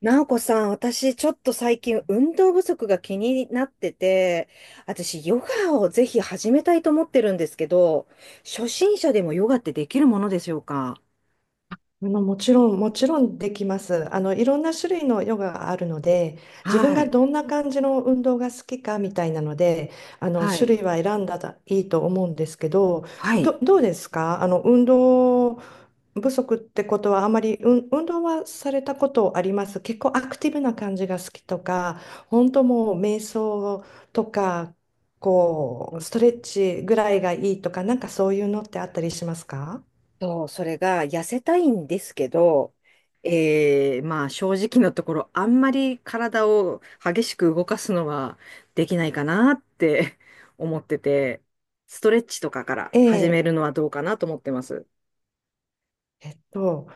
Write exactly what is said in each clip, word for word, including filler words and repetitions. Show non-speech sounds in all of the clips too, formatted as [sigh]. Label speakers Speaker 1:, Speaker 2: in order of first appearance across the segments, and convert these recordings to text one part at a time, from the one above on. Speaker 1: なおこさん、私ちょっと最近運動不足が気になってて、私ヨガをぜひ始めたいと思ってるんですけど、初心者でもヨガってできるものでしょうか？
Speaker 2: まあの、もちろん、もちろんできます。あの、いろんな種類のヨガがあるので、自分
Speaker 1: は
Speaker 2: が
Speaker 1: い。
Speaker 2: どんな感じの運動が好きかみたいなので、あの、
Speaker 1: はい。
Speaker 2: 種類は選んだらいいと思うんですけど、
Speaker 1: はい。
Speaker 2: ど、どうですか、あの、運動不足ってことはあまり、うん、運動はされたことあります？結構アクティブな感じが好きとか、本当もう瞑想とか、こ
Speaker 1: う
Speaker 2: う、
Speaker 1: ん。
Speaker 2: ストレッチぐらいがいいとか、なんかそういうのってあったりしますか？
Speaker 1: と、それが痩せたいんですけど、えー、まあ正直なところ、あんまり体を激しく動かすのはできないかなって [laughs] 思ってて、ストレッチとかから始め
Speaker 2: ええ
Speaker 1: るのはどうかなと思ってます。
Speaker 2: えっと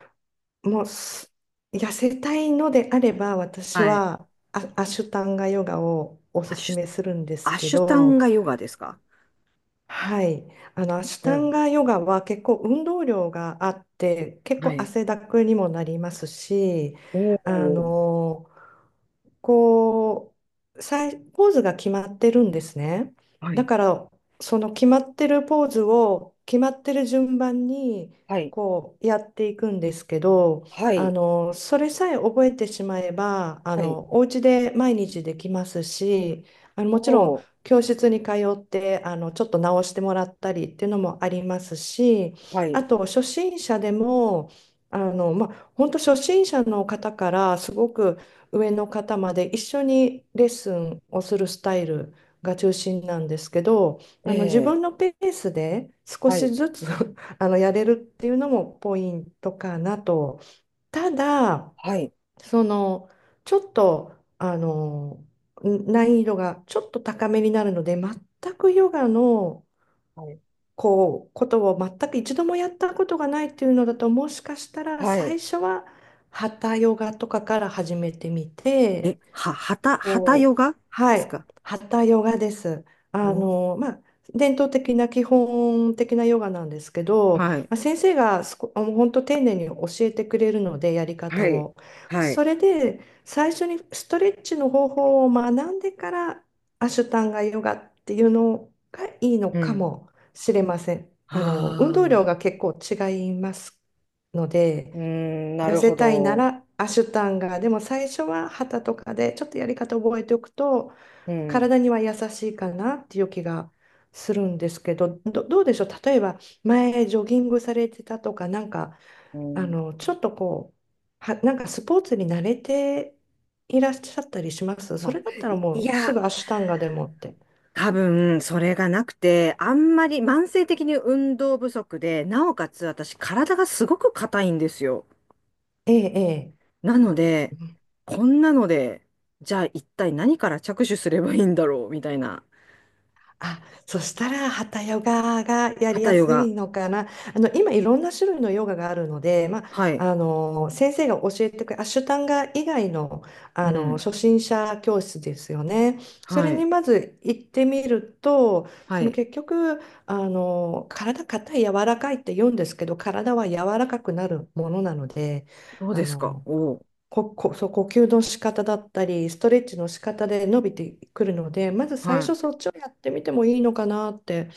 Speaker 2: もうす痩せたいのであれば、私
Speaker 1: はい。
Speaker 2: はア、アシュタンガヨガをおす
Speaker 1: あ
Speaker 2: す
Speaker 1: しゅ
Speaker 2: めするんです
Speaker 1: ア
Speaker 2: け
Speaker 1: シュタン
Speaker 2: ど、
Speaker 1: ガヨガですか？
Speaker 2: はい、あのアシュ
Speaker 1: お
Speaker 2: タン
Speaker 1: う。
Speaker 2: ガヨガは結構運動量があって、結
Speaker 1: は
Speaker 2: 構
Speaker 1: い。
Speaker 2: 汗だくにもなりますし、
Speaker 1: お
Speaker 2: あ
Speaker 1: お。
Speaker 2: の、こうさいポーズが決まってるんですね。
Speaker 1: は
Speaker 2: だ
Speaker 1: い、
Speaker 2: から、その決まってるポーズを決まってる順番に
Speaker 1: はい。
Speaker 2: こうやっていくんですけど、
Speaker 1: は
Speaker 2: あ
Speaker 1: い。
Speaker 2: のそれさえ覚えてしまえば、あ
Speaker 1: はい。
Speaker 2: のお家で毎日できますし、あのも
Speaker 1: お
Speaker 2: ちろん
Speaker 1: お。
Speaker 2: 教室に通って、あのちょっと直してもらったりっていうのもありますし、
Speaker 1: は
Speaker 2: あ
Speaker 1: い。
Speaker 2: と初心者でも、あの、まあ、本当初心者の方からすごく上の方まで一緒にレッスンをするスタイルが中心なんですけど、
Speaker 1: え
Speaker 2: あの自
Speaker 1: え。
Speaker 2: 分のペースで少
Speaker 1: は
Speaker 2: し
Speaker 1: い。
Speaker 2: ずつ [laughs] あのやれるっていうのもポイントかなと。ただ、
Speaker 1: はい。
Speaker 2: その、ちょっと、あの、ん難易度がちょっと高めになるので、全くヨガの
Speaker 1: はい。
Speaker 2: こうことを全く一度もやったことがないっていうのだと、もしかしたら
Speaker 1: はい。
Speaker 2: 最初はハタヨガとかから始めてみて、
Speaker 1: え、は、はた、はたヨ
Speaker 2: こう、
Speaker 1: ガで
Speaker 2: は
Speaker 1: す
Speaker 2: い、
Speaker 1: か？
Speaker 2: ハヨガです。
Speaker 1: お
Speaker 2: あ
Speaker 1: ー。
Speaker 2: の、まあ、伝統的な基本的なヨガなんですけど、ま
Speaker 1: はい。
Speaker 2: あ、先生がすこ、本当丁寧に教えてくれるので、やり
Speaker 1: は
Speaker 2: 方
Speaker 1: い。
Speaker 2: を。
Speaker 1: はい。
Speaker 2: それで、最初にストレッチの方法を学んでから、アシュタンガヨガっていうのがいいの
Speaker 1: う
Speaker 2: か
Speaker 1: ん。
Speaker 2: もしれません。
Speaker 1: は
Speaker 2: あの、運動量が
Speaker 1: あ。
Speaker 2: 結構違いますので、
Speaker 1: うーん、な
Speaker 2: 痩
Speaker 1: る
Speaker 2: せ
Speaker 1: ほ
Speaker 2: たいな
Speaker 1: ど。
Speaker 2: らアシュタンガ、でも最初は旗とかでちょっとやり方覚えておくと
Speaker 1: うん。
Speaker 2: 体には優しいかなっていう気がするんですけど、ど、どうでしょう、例えば前ジョギングされてたとか、なんか
Speaker 1: う
Speaker 2: あ
Speaker 1: ん。
Speaker 2: のちょっとこう、は、なんかスポーツに慣れていらっしゃったりします？
Speaker 1: ま
Speaker 2: そ
Speaker 1: あ、
Speaker 2: れだったら
Speaker 1: い、い
Speaker 2: もうす
Speaker 1: や、
Speaker 2: ぐアシュタンガでもって。
Speaker 1: 多分、それがなくて、あんまり慢性的に運動不足で、なおかつ私、体がすごく硬いんですよ。
Speaker 2: ええ、
Speaker 1: なので、
Speaker 2: ええ。
Speaker 1: こんなので、じゃあ一体何から着手すればいいんだろう、みたいな、
Speaker 2: あ、そしたら、ハヨガがやり
Speaker 1: 旗
Speaker 2: や
Speaker 1: ヨ
Speaker 2: す
Speaker 1: ガ。
Speaker 2: いのかな。あの、今、いろんな種類のヨガがあるので、ま
Speaker 1: はい。
Speaker 2: あ、あの、先生が教えてくれる、アシュタンガ以外の、あ
Speaker 1: う
Speaker 2: の、
Speaker 1: ん。
Speaker 2: 初心者教室ですよね。それ
Speaker 1: は
Speaker 2: に
Speaker 1: い。
Speaker 2: まず行ってみると、
Speaker 1: は
Speaker 2: その
Speaker 1: い。
Speaker 2: 結局、あの、体硬い、柔らかいって言うんですけど、体は柔らかくなるものなので、
Speaker 1: そう
Speaker 2: あ
Speaker 1: ですか。
Speaker 2: の、
Speaker 1: おう。
Speaker 2: こ、こ、そう、呼吸の仕方だったり、ストレッチの仕方で伸びてくるので、まず最
Speaker 1: は
Speaker 2: 初そっちをやってみてもいいのかなって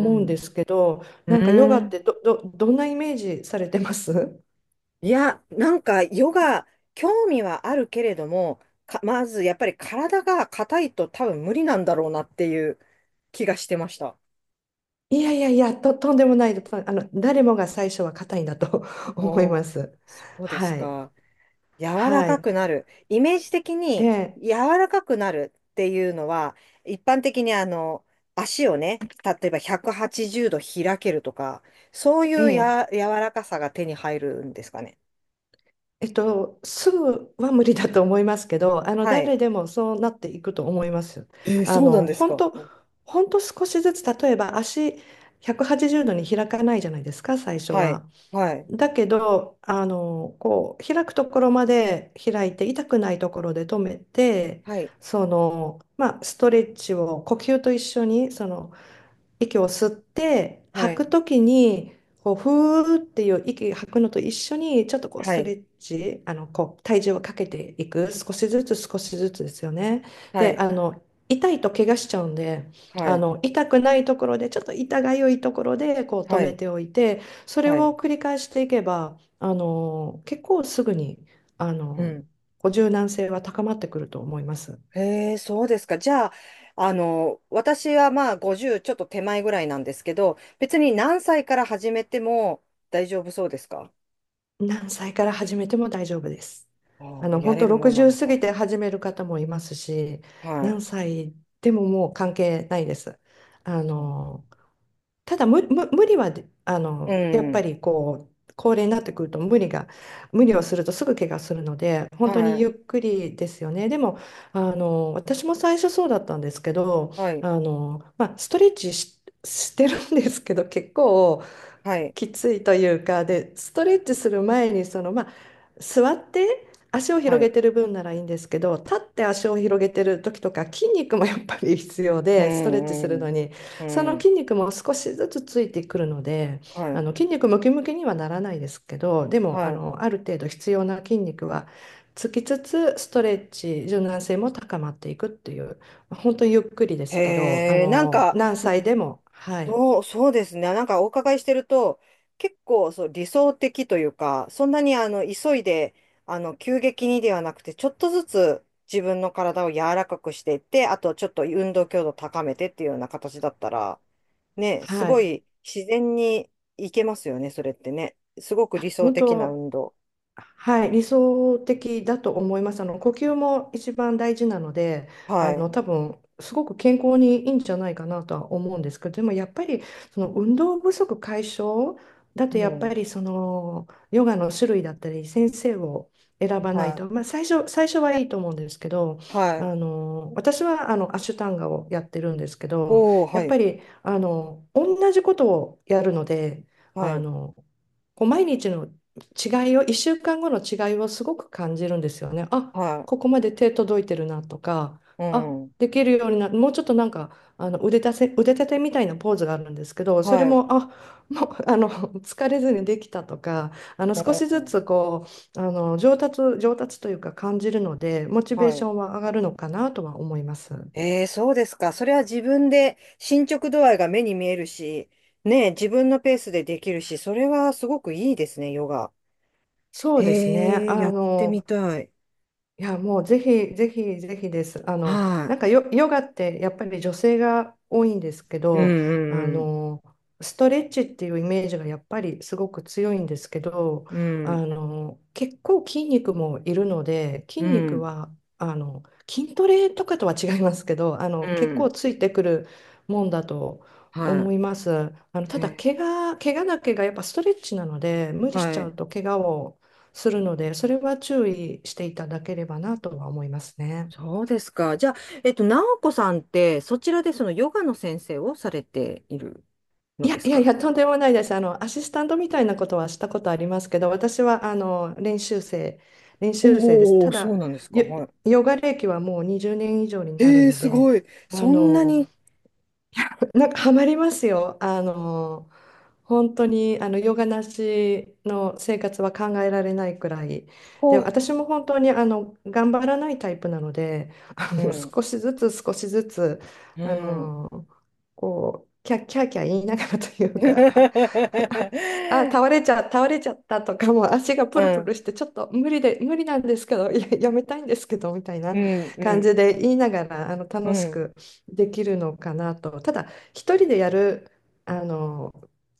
Speaker 1: い。う
Speaker 2: うんで
Speaker 1: ん。
Speaker 2: すけど、
Speaker 1: う
Speaker 2: なんかヨガ
Speaker 1: ー
Speaker 2: っ
Speaker 1: ん。
Speaker 2: てど、ど、どんなイメージされてます？ [laughs]
Speaker 1: いや、なんか、ヨガ、興味はあるけれども、か、まず、やっぱり体が硬いと多分無理なんだろうなっていう気がしてました。
Speaker 2: いやいやいや、と、とんでもないと、あの、誰もが最初は硬いんだと [laughs] 思い
Speaker 1: お
Speaker 2: ま
Speaker 1: お、
Speaker 2: す。
Speaker 1: そうです
Speaker 2: はい。
Speaker 1: か。柔ら
Speaker 2: は
Speaker 1: か
Speaker 2: い。
Speaker 1: くなる。イメージ的
Speaker 2: え
Speaker 1: に
Speaker 2: え、
Speaker 1: 柔らかくなるっていうのは、一般的にあの、足をね、例えばひゃくはちじゅうど開けるとか、そうい
Speaker 2: え
Speaker 1: う
Speaker 2: え。
Speaker 1: や、柔らかさが手に入るんですかね？
Speaker 2: えっと、すぐは無理だと思いますけど、[laughs] あの
Speaker 1: は
Speaker 2: 誰
Speaker 1: い。
Speaker 2: でもそうなっていくと思います。
Speaker 1: えー、
Speaker 2: あ
Speaker 1: そうなん
Speaker 2: の
Speaker 1: です
Speaker 2: 本
Speaker 1: か。
Speaker 2: 当、本当少しずつ、例えば足ひゃくはちじゅうどに開かないじゃないですか、最初
Speaker 1: はい。
Speaker 2: は。
Speaker 1: はい。
Speaker 2: だけど、あのこう開くところまで開いて、痛くないところで止めて、
Speaker 1: はい。
Speaker 2: その、まあ、ストレッチを呼吸と一緒にその息を吸って
Speaker 1: は
Speaker 2: 吐
Speaker 1: い。
Speaker 2: くときにこうふーっていう息吐くのと一緒にちょっとこうス
Speaker 1: は
Speaker 2: トレ
Speaker 1: い。
Speaker 2: ッチ、あのこう体重をかけていく、少しずつ少しずつですよね。
Speaker 1: は
Speaker 2: で、
Speaker 1: い。
Speaker 2: あの痛いと怪我しちゃうんで、
Speaker 1: は
Speaker 2: あ
Speaker 1: い。
Speaker 2: の痛くないところでちょっと痛がゆいところでこう止
Speaker 1: は
Speaker 2: め
Speaker 1: い。
Speaker 2: ておいて、それ
Speaker 1: は
Speaker 2: を
Speaker 1: い。
Speaker 2: 繰り返していけばあの結構すぐにあ
Speaker 1: う
Speaker 2: の
Speaker 1: ん。
Speaker 2: こう柔軟性は高まってくると思います。
Speaker 1: へえ、そうですか。じゃあ、あの、私はまあごじゅうちょっと手前ぐらいなんですけど、別に何歳から始めても大丈夫そうですか？
Speaker 2: 何歳から始めても大丈夫です。
Speaker 1: あ
Speaker 2: あ
Speaker 1: あ、
Speaker 2: の、
Speaker 1: や
Speaker 2: 本
Speaker 1: れ
Speaker 2: 当
Speaker 1: るもんなの
Speaker 2: ろくじゅう過ぎ
Speaker 1: か。
Speaker 2: て始める方もいますし、
Speaker 1: はい。
Speaker 2: 何歳でももう関係ないです。あの、
Speaker 1: そ
Speaker 2: ただ無、無、無理はで、あ
Speaker 1: う。う
Speaker 2: の、やっぱ
Speaker 1: ん。
Speaker 2: りこう、高齢になってくると無理が、無理をするとすぐ怪我するので、
Speaker 1: は
Speaker 2: 本当にゆ
Speaker 1: い。
Speaker 2: っくりですよね。でも、あの、私も最初そうだったんですけど、
Speaker 1: はい。
Speaker 2: あの、まあ、ストレッチし、してるんですけど、結構、
Speaker 1: はい。
Speaker 2: きついというか、でストレッチする前にそのまあ座って足を広
Speaker 1: は
Speaker 2: げ
Speaker 1: い。
Speaker 2: てる分ならいいんですけど、立って足を広げてる時とか筋肉もやっぱり必要
Speaker 1: う
Speaker 2: で、ストレッチする
Speaker 1: ん。う
Speaker 2: の
Speaker 1: ん。
Speaker 2: に
Speaker 1: う
Speaker 2: その
Speaker 1: ん。
Speaker 2: 筋肉も少しずつついてくるので、
Speaker 1: は
Speaker 2: あ
Speaker 1: い。
Speaker 2: の筋肉ムキムキにはならないですけど、でもあ
Speaker 1: は
Speaker 2: のある程度必要な筋肉はつきつつ、ストレッチ柔軟性も高まっていくっていう、本当にゆっくりで
Speaker 1: い。
Speaker 2: すけど、あ
Speaker 1: へえ、なん
Speaker 2: の
Speaker 1: か、
Speaker 2: 何歳でも、はい。
Speaker 1: そう、そうですね。なんかお伺いしてると、結構そう理想的というか、そんなにあの急いで、あの急激にではなくて、ちょっとずつ自分の体を柔らかくしていって、あとちょっと運動強度高めてっていうような形だったら、ね、す
Speaker 2: は
Speaker 1: ご
Speaker 2: い、
Speaker 1: い自然にいけますよね、それってね。すごく理想
Speaker 2: 本
Speaker 1: 的な
Speaker 2: 当、
Speaker 1: 運動。
Speaker 2: はい、理想的だと思います。あの呼吸も一番大事なので、あ
Speaker 1: はい。
Speaker 2: の多分すごく健康にいいんじゃないかなとは思うんですけど、でもやっぱりその運動不足解消だと
Speaker 1: う
Speaker 2: やっぱ
Speaker 1: ん。
Speaker 2: りそのヨガの種類だったり先生を選ばない
Speaker 1: は
Speaker 2: と、まあ、最初、最初はいいと思うんですけど、
Speaker 1: い。は
Speaker 2: あ
Speaker 1: い。
Speaker 2: の私はあのアシュタンガをやってるんですけど、
Speaker 1: おー、
Speaker 2: や
Speaker 1: は
Speaker 2: っぱ
Speaker 1: い。
Speaker 2: りあの同じことをやるので、
Speaker 1: は
Speaker 2: あ
Speaker 1: い。
Speaker 2: のこう毎日の違いを、いっしゅうかんごの違いをすごく感じるんですよね。あ、
Speaker 1: は
Speaker 2: ここまで手届いてるなとか、
Speaker 1: い。う
Speaker 2: あ、
Speaker 1: ん。
Speaker 2: できるようにな、もうちょっとなんか、あの腕立て、腕立てみたいなポーズがあるんですけど、それ
Speaker 1: はい。
Speaker 2: も、あ、もう、あの、[laughs] 疲れずにできたとか、あの、
Speaker 1: う
Speaker 2: 少しず
Speaker 1: ん。
Speaker 2: つこう、あの、上達、上達というか感じるので、モチベー
Speaker 1: は
Speaker 2: ショ
Speaker 1: い。
Speaker 2: ンは上がるのかなとは思います。
Speaker 1: ええ、そうですか。それは自分で進捗度合いが目に見えるし、ねえ、自分のペースでできるし、それはすごくいいですね、ヨガ。
Speaker 2: そ
Speaker 1: へ
Speaker 2: うですね。あ
Speaker 1: え、やってみ
Speaker 2: の、
Speaker 1: たい。
Speaker 2: いや、もうぜひぜひぜひです。あの、
Speaker 1: は
Speaker 2: なんかヨ、ヨガってやっぱり女性が多いんですけ
Speaker 1: い。う
Speaker 2: ど、あ
Speaker 1: んうん
Speaker 2: の、ストレッチっていうイメージがやっぱりすごく強いんですけど、
Speaker 1: う
Speaker 2: あ
Speaker 1: ん。
Speaker 2: の、結構筋肉もいるので、筋
Speaker 1: う
Speaker 2: 肉
Speaker 1: ん。
Speaker 2: は、あの、筋トレとかとは違いますけど、あ
Speaker 1: う
Speaker 2: の、結構
Speaker 1: ん。
Speaker 2: ついてくるもんだと思
Speaker 1: は
Speaker 2: います。あの、
Speaker 1: い。
Speaker 2: ただ、
Speaker 1: え
Speaker 2: 怪我、怪我だけがやっぱストレッチなので、無
Speaker 1: ー
Speaker 2: 理しち
Speaker 1: は
Speaker 2: ゃ
Speaker 1: い。
Speaker 2: うと怪我をするので、それは注意していただければなとは思いますね。
Speaker 1: そうですか。じゃあ、えっと、直子さんって、そちらでそのヨガの先生をされている
Speaker 2: い
Speaker 1: の
Speaker 2: や
Speaker 1: で
Speaker 2: い
Speaker 1: す
Speaker 2: やい
Speaker 1: か？
Speaker 2: や、とんでもないです。あの、アシスタントみたいなことはしたことありますけど、私はあの練習生、練習生です。
Speaker 1: お
Speaker 2: た
Speaker 1: おー、そう
Speaker 2: だ、
Speaker 1: なんですか。
Speaker 2: ヨ
Speaker 1: はい。
Speaker 2: ヨガ歴はもうにじゅうねん以上になる
Speaker 1: ええ、
Speaker 2: の
Speaker 1: す
Speaker 2: で、
Speaker 1: ごい。
Speaker 2: あ
Speaker 1: そんな
Speaker 2: の、
Speaker 1: に、
Speaker 2: なんかハマりますよ。あの、本当にあのヨガなしの生活は考えられないくらいで、
Speaker 1: こ
Speaker 2: 私も本当にあの頑張らないタイプなので、あ
Speaker 1: う。う
Speaker 2: の少
Speaker 1: ん
Speaker 2: しずつ少しずつ、
Speaker 1: う
Speaker 2: あ
Speaker 1: ん。
Speaker 2: のこうキャッキャーキャー言いながらというか
Speaker 1: [laughs]
Speaker 2: [laughs] あ倒れちゃ倒れちゃったとか、もう足が
Speaker 1: う
Speaker 2: プルプ
Speaker 1: ん。
Speaker 2: ルしてちょっと無理で無理なんですけど、いや、やめたいんですけどみたいな
Speaker 1: うん。う
Speaker 2: 感じ
Speaker 1: ん。
Speaker 2: で言いながら、あの
Speaker 1: う
Speaker 2: 楽し
Speaker 1: ん。
Speaker 2: くできるのかなと、ただ一人でやるあの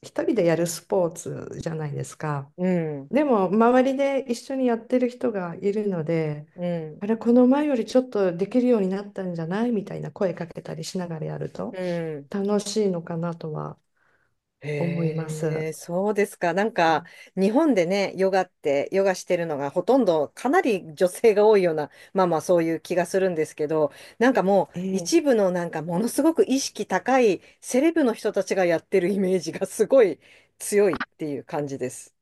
Speaker 2: 一人でやるスポーツじゃないですか。
Speaker 1: うん。
Speaker 2: でも、周りで一緒にやってる人がいるので、
Speaker 1: う
Speaker 2: あ
Speaker 1: ん
Speaker 2: れ、この前よりちょっとできるようになったんじゃないみたいな声かけたりしながらやると
Speaker 1: うん
Speaker 2: 楽しいのかなとは思いま
Speaker 1: へ
Speaker 2: す。
Speaker 1: え、そうですか。なんか、日本でね、ヨガって、ヨガしてるのがほとんど、かなり女性が多いような、まあまあそういう気がするんですけど、なんかもう、
Speaker 2: え
Speaker 1: 一
Speaker 2: え、
Speaker 1: 部のなんか、ものすごく意識高いセレブの人たちがやってるイメージがすごい強いっていう感じです。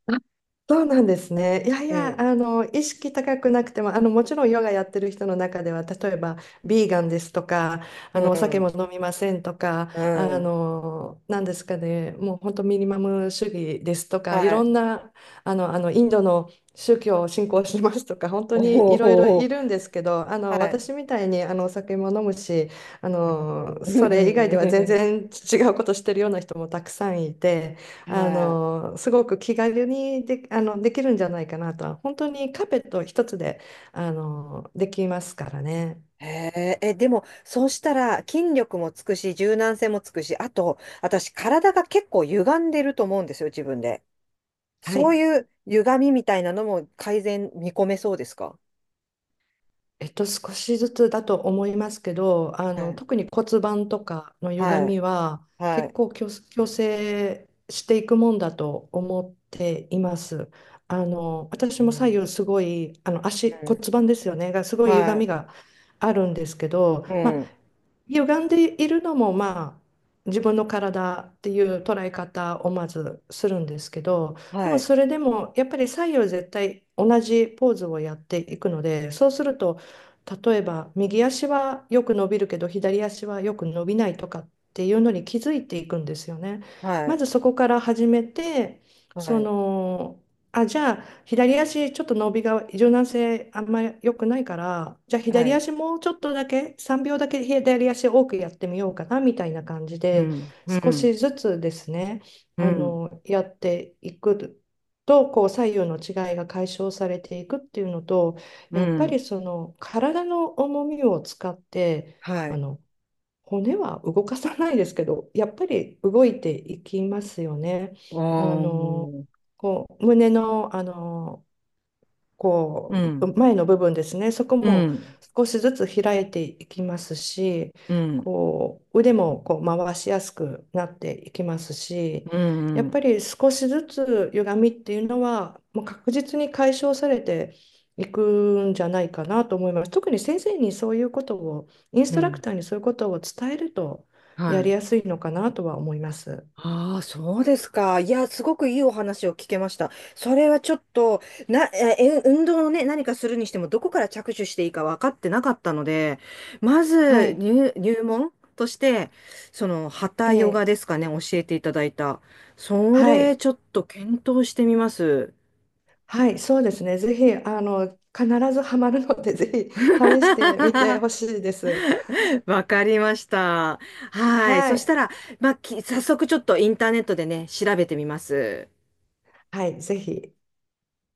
Speaker 2: そうなんですね。いやい
Speaker 1: う
Speaker 2: や、
Speaker 1: ん。
Speaker 2: あの、意識高くなくても、あの、もちろんヨガやってる人の中では、例えば、ビーガンですとか、
Speaker 1: う
Speaker 2: あの、お酒も
Speaker 1: ん。
Speaker 2: 飲みませんとか、
Speaker 1: う
Speaker 2: あ
Speaker 1: ん。
Speaker 2: の、なんですかね、もう本当ミニマム主義ですとか、い
Speaker 1: は
Speaker 2: ろん
Speaker 1: い。
Speaker 2: な、あの、あの、インドの宗教を信仰しますとか、本当
Speaker 1: お
Speaker 2: にいろいろい
Speaker 1: お。
Speaker 2: るんですけど、あ
Speaker 1: は
Speaker 2: の、
Speaker 1: い。
Speaker 2: 私みたいに、あの、お酒も飲むし、あの、それ以外では全
Speaker 1: うん
Speaker 2: 然違うことしてるような人もたくさんいて、
Speaker 1: [laughs]
Speaker 2: あ
Speaker 1: は
Speaker 2: のすごく気軽にで、あのできるんじゃないかなとは、本当にカーペット一つであのできますからね。
Speaker 1: い。へえ、え、でも、そうしたら筋力もつくし、柔軟性もつくし、あと、私、体が結構歪んでると思うんですよ、自分で。
Speaker 2: は
Speaker 1: そう
Speaker 2: い、
Speaker 1: いう歪みみたいなのも改善見込めそうですか？
Speaker 2: えっと、少しずつだと思いますけど、あ
Speaker 1: は
Speaker 2: の
Speaker 1: い。
Speaker 2: 特に骨盤とかの歪
Speaker 1: はい。
Speaker 2: みは
Speaker 1: は
Speaker 2: 結
Speaker 1: い。
Speaker 2: 構矯矯正していくもんだと思っています。あの私
Speaker 1: う
Speaker 2: も左
Speaker 1: ん。
Speaker 2: 右すごい、あの足
Speaker 1: う
Speaker 2: 骨
Speaker 1: ん。
Speaker 2: 盤ですよね、がすごい歪
Speaker 1: は
Speaker 2: みがあるんですけど、
Speaker 1: い。う
Speaker 2: ま
Speaker 1: ん。
Speaker 2: 歪んでいるのもまあ自分の体っていう捉え方をまずするんですけど、で
Speaker 1: は
Speaker 2: も
Speaker 1: い。
Speaker 2: それでもやっぱり左右絶対同じポーズをやっていくので、そうすると、例えば右足はよく伸びるけど左足はよく伸びないとかっていうのに気づいていくんですよね。
Speaker 1: は
Speaker 2: ま
Speaker 1: い。
Speaker 2: ずそこから始めて、そ
Speaker 1: はい。
Speaker 2: の、あ、じゃあ左足ちょっと伸びが柔軟性あんまり良くないから、じゃあ
Speaker 1: は
Speaker 2: 左
Speaker 1: い。
Speaker 2: 足もうちょっとだけさんびょうだけ左足多くやってみようかなみたいな感じ
Speaker 1: う
Speaker 2: で、
Speaker 1: ん。う
Speaker 2: 少
Speaker 1: ん。
Speaker 2: しずつですね、
Speaker 1: う
Speaker 2: あ
Speaker 1: ん。
Speaker 2: のやっていくとこう左右の違いが解消されていくっていうのと、
Speaker 1: う
Speaker 2: やっぱり
Speaker 1: ん。
Speaker 2: その体の重みを使って、
Speaker 1: は
Speaker 2: あ
Speaker 1: い。
Speaker 2: の骨は動かさないですけどやっぱり動いていきますよね。あ
Speaker 1: お
Speaker 2: の
Speaker 1: ー。
Speaker 2: こう胸の、あの
Speaker 1: う
Speaker 2: こう
Speaker 1: ん。
Speaker 2: 前の部分ですね、そこ
Speaker 1: う
Speaker 2: も
Speaker 1: ん。
Speaker 2: 少しずつ開いていきますし、
Speaker 1: うん。
Speaker 2: こう腕もこう回しやすくなっていきますし、
Speaker 1: う
Speaker 2: や
Speaker 1: ん
Speaker 2: っ
Speaker 1: うん。
Speaker 2: ぱり少しずつ歪みっていうのは、もう確実に解消されていくんじゃないかなと思います。特に先生にそういうことを、インス
Speaker 1: う
Speaker 2: トラク
Speaker 1: ん
Speaker 2: ターにそういうことを伝えると
Speaker 1: は
Speaker 2: やり
Speaker 1: い。
Speaker 2: やすいのかなとは思います。
Speaker 1: ああ、そうですか。いや、すごくいいお話を聞けました。それはちょっと、な、え、え運動をね、何かするにしても、どこから着手していいか分かってなかったので、ま
Speaker 2: は
Speaker 1: ず
Speaker 2: い。
Speaker 1: 入、入門として、その、ハタヨガ
Speaker 2: ええ、
Speaker 1: ですかね、教えていただいた。そ
Speaker 2: は
Speaker 1: れ、
Speaker 2: い。
Speaker 1: ちょっと検討してみます。
Speaker 2: はい、そうですね。ぜひ、あの、必ずハマるので、ぜひ試してみて
Speaker 1: [laughs]
Speaker 2: ほしいです。
Speaker 1: わかりました。はい。
Speaker 2: は
Speaker 1: そし
Speaker 2: い。
Speaker 1: たら、まあ、き早速ちょっとインターネットでね、調べてみます。
Speaker 2: はい、ぜひ。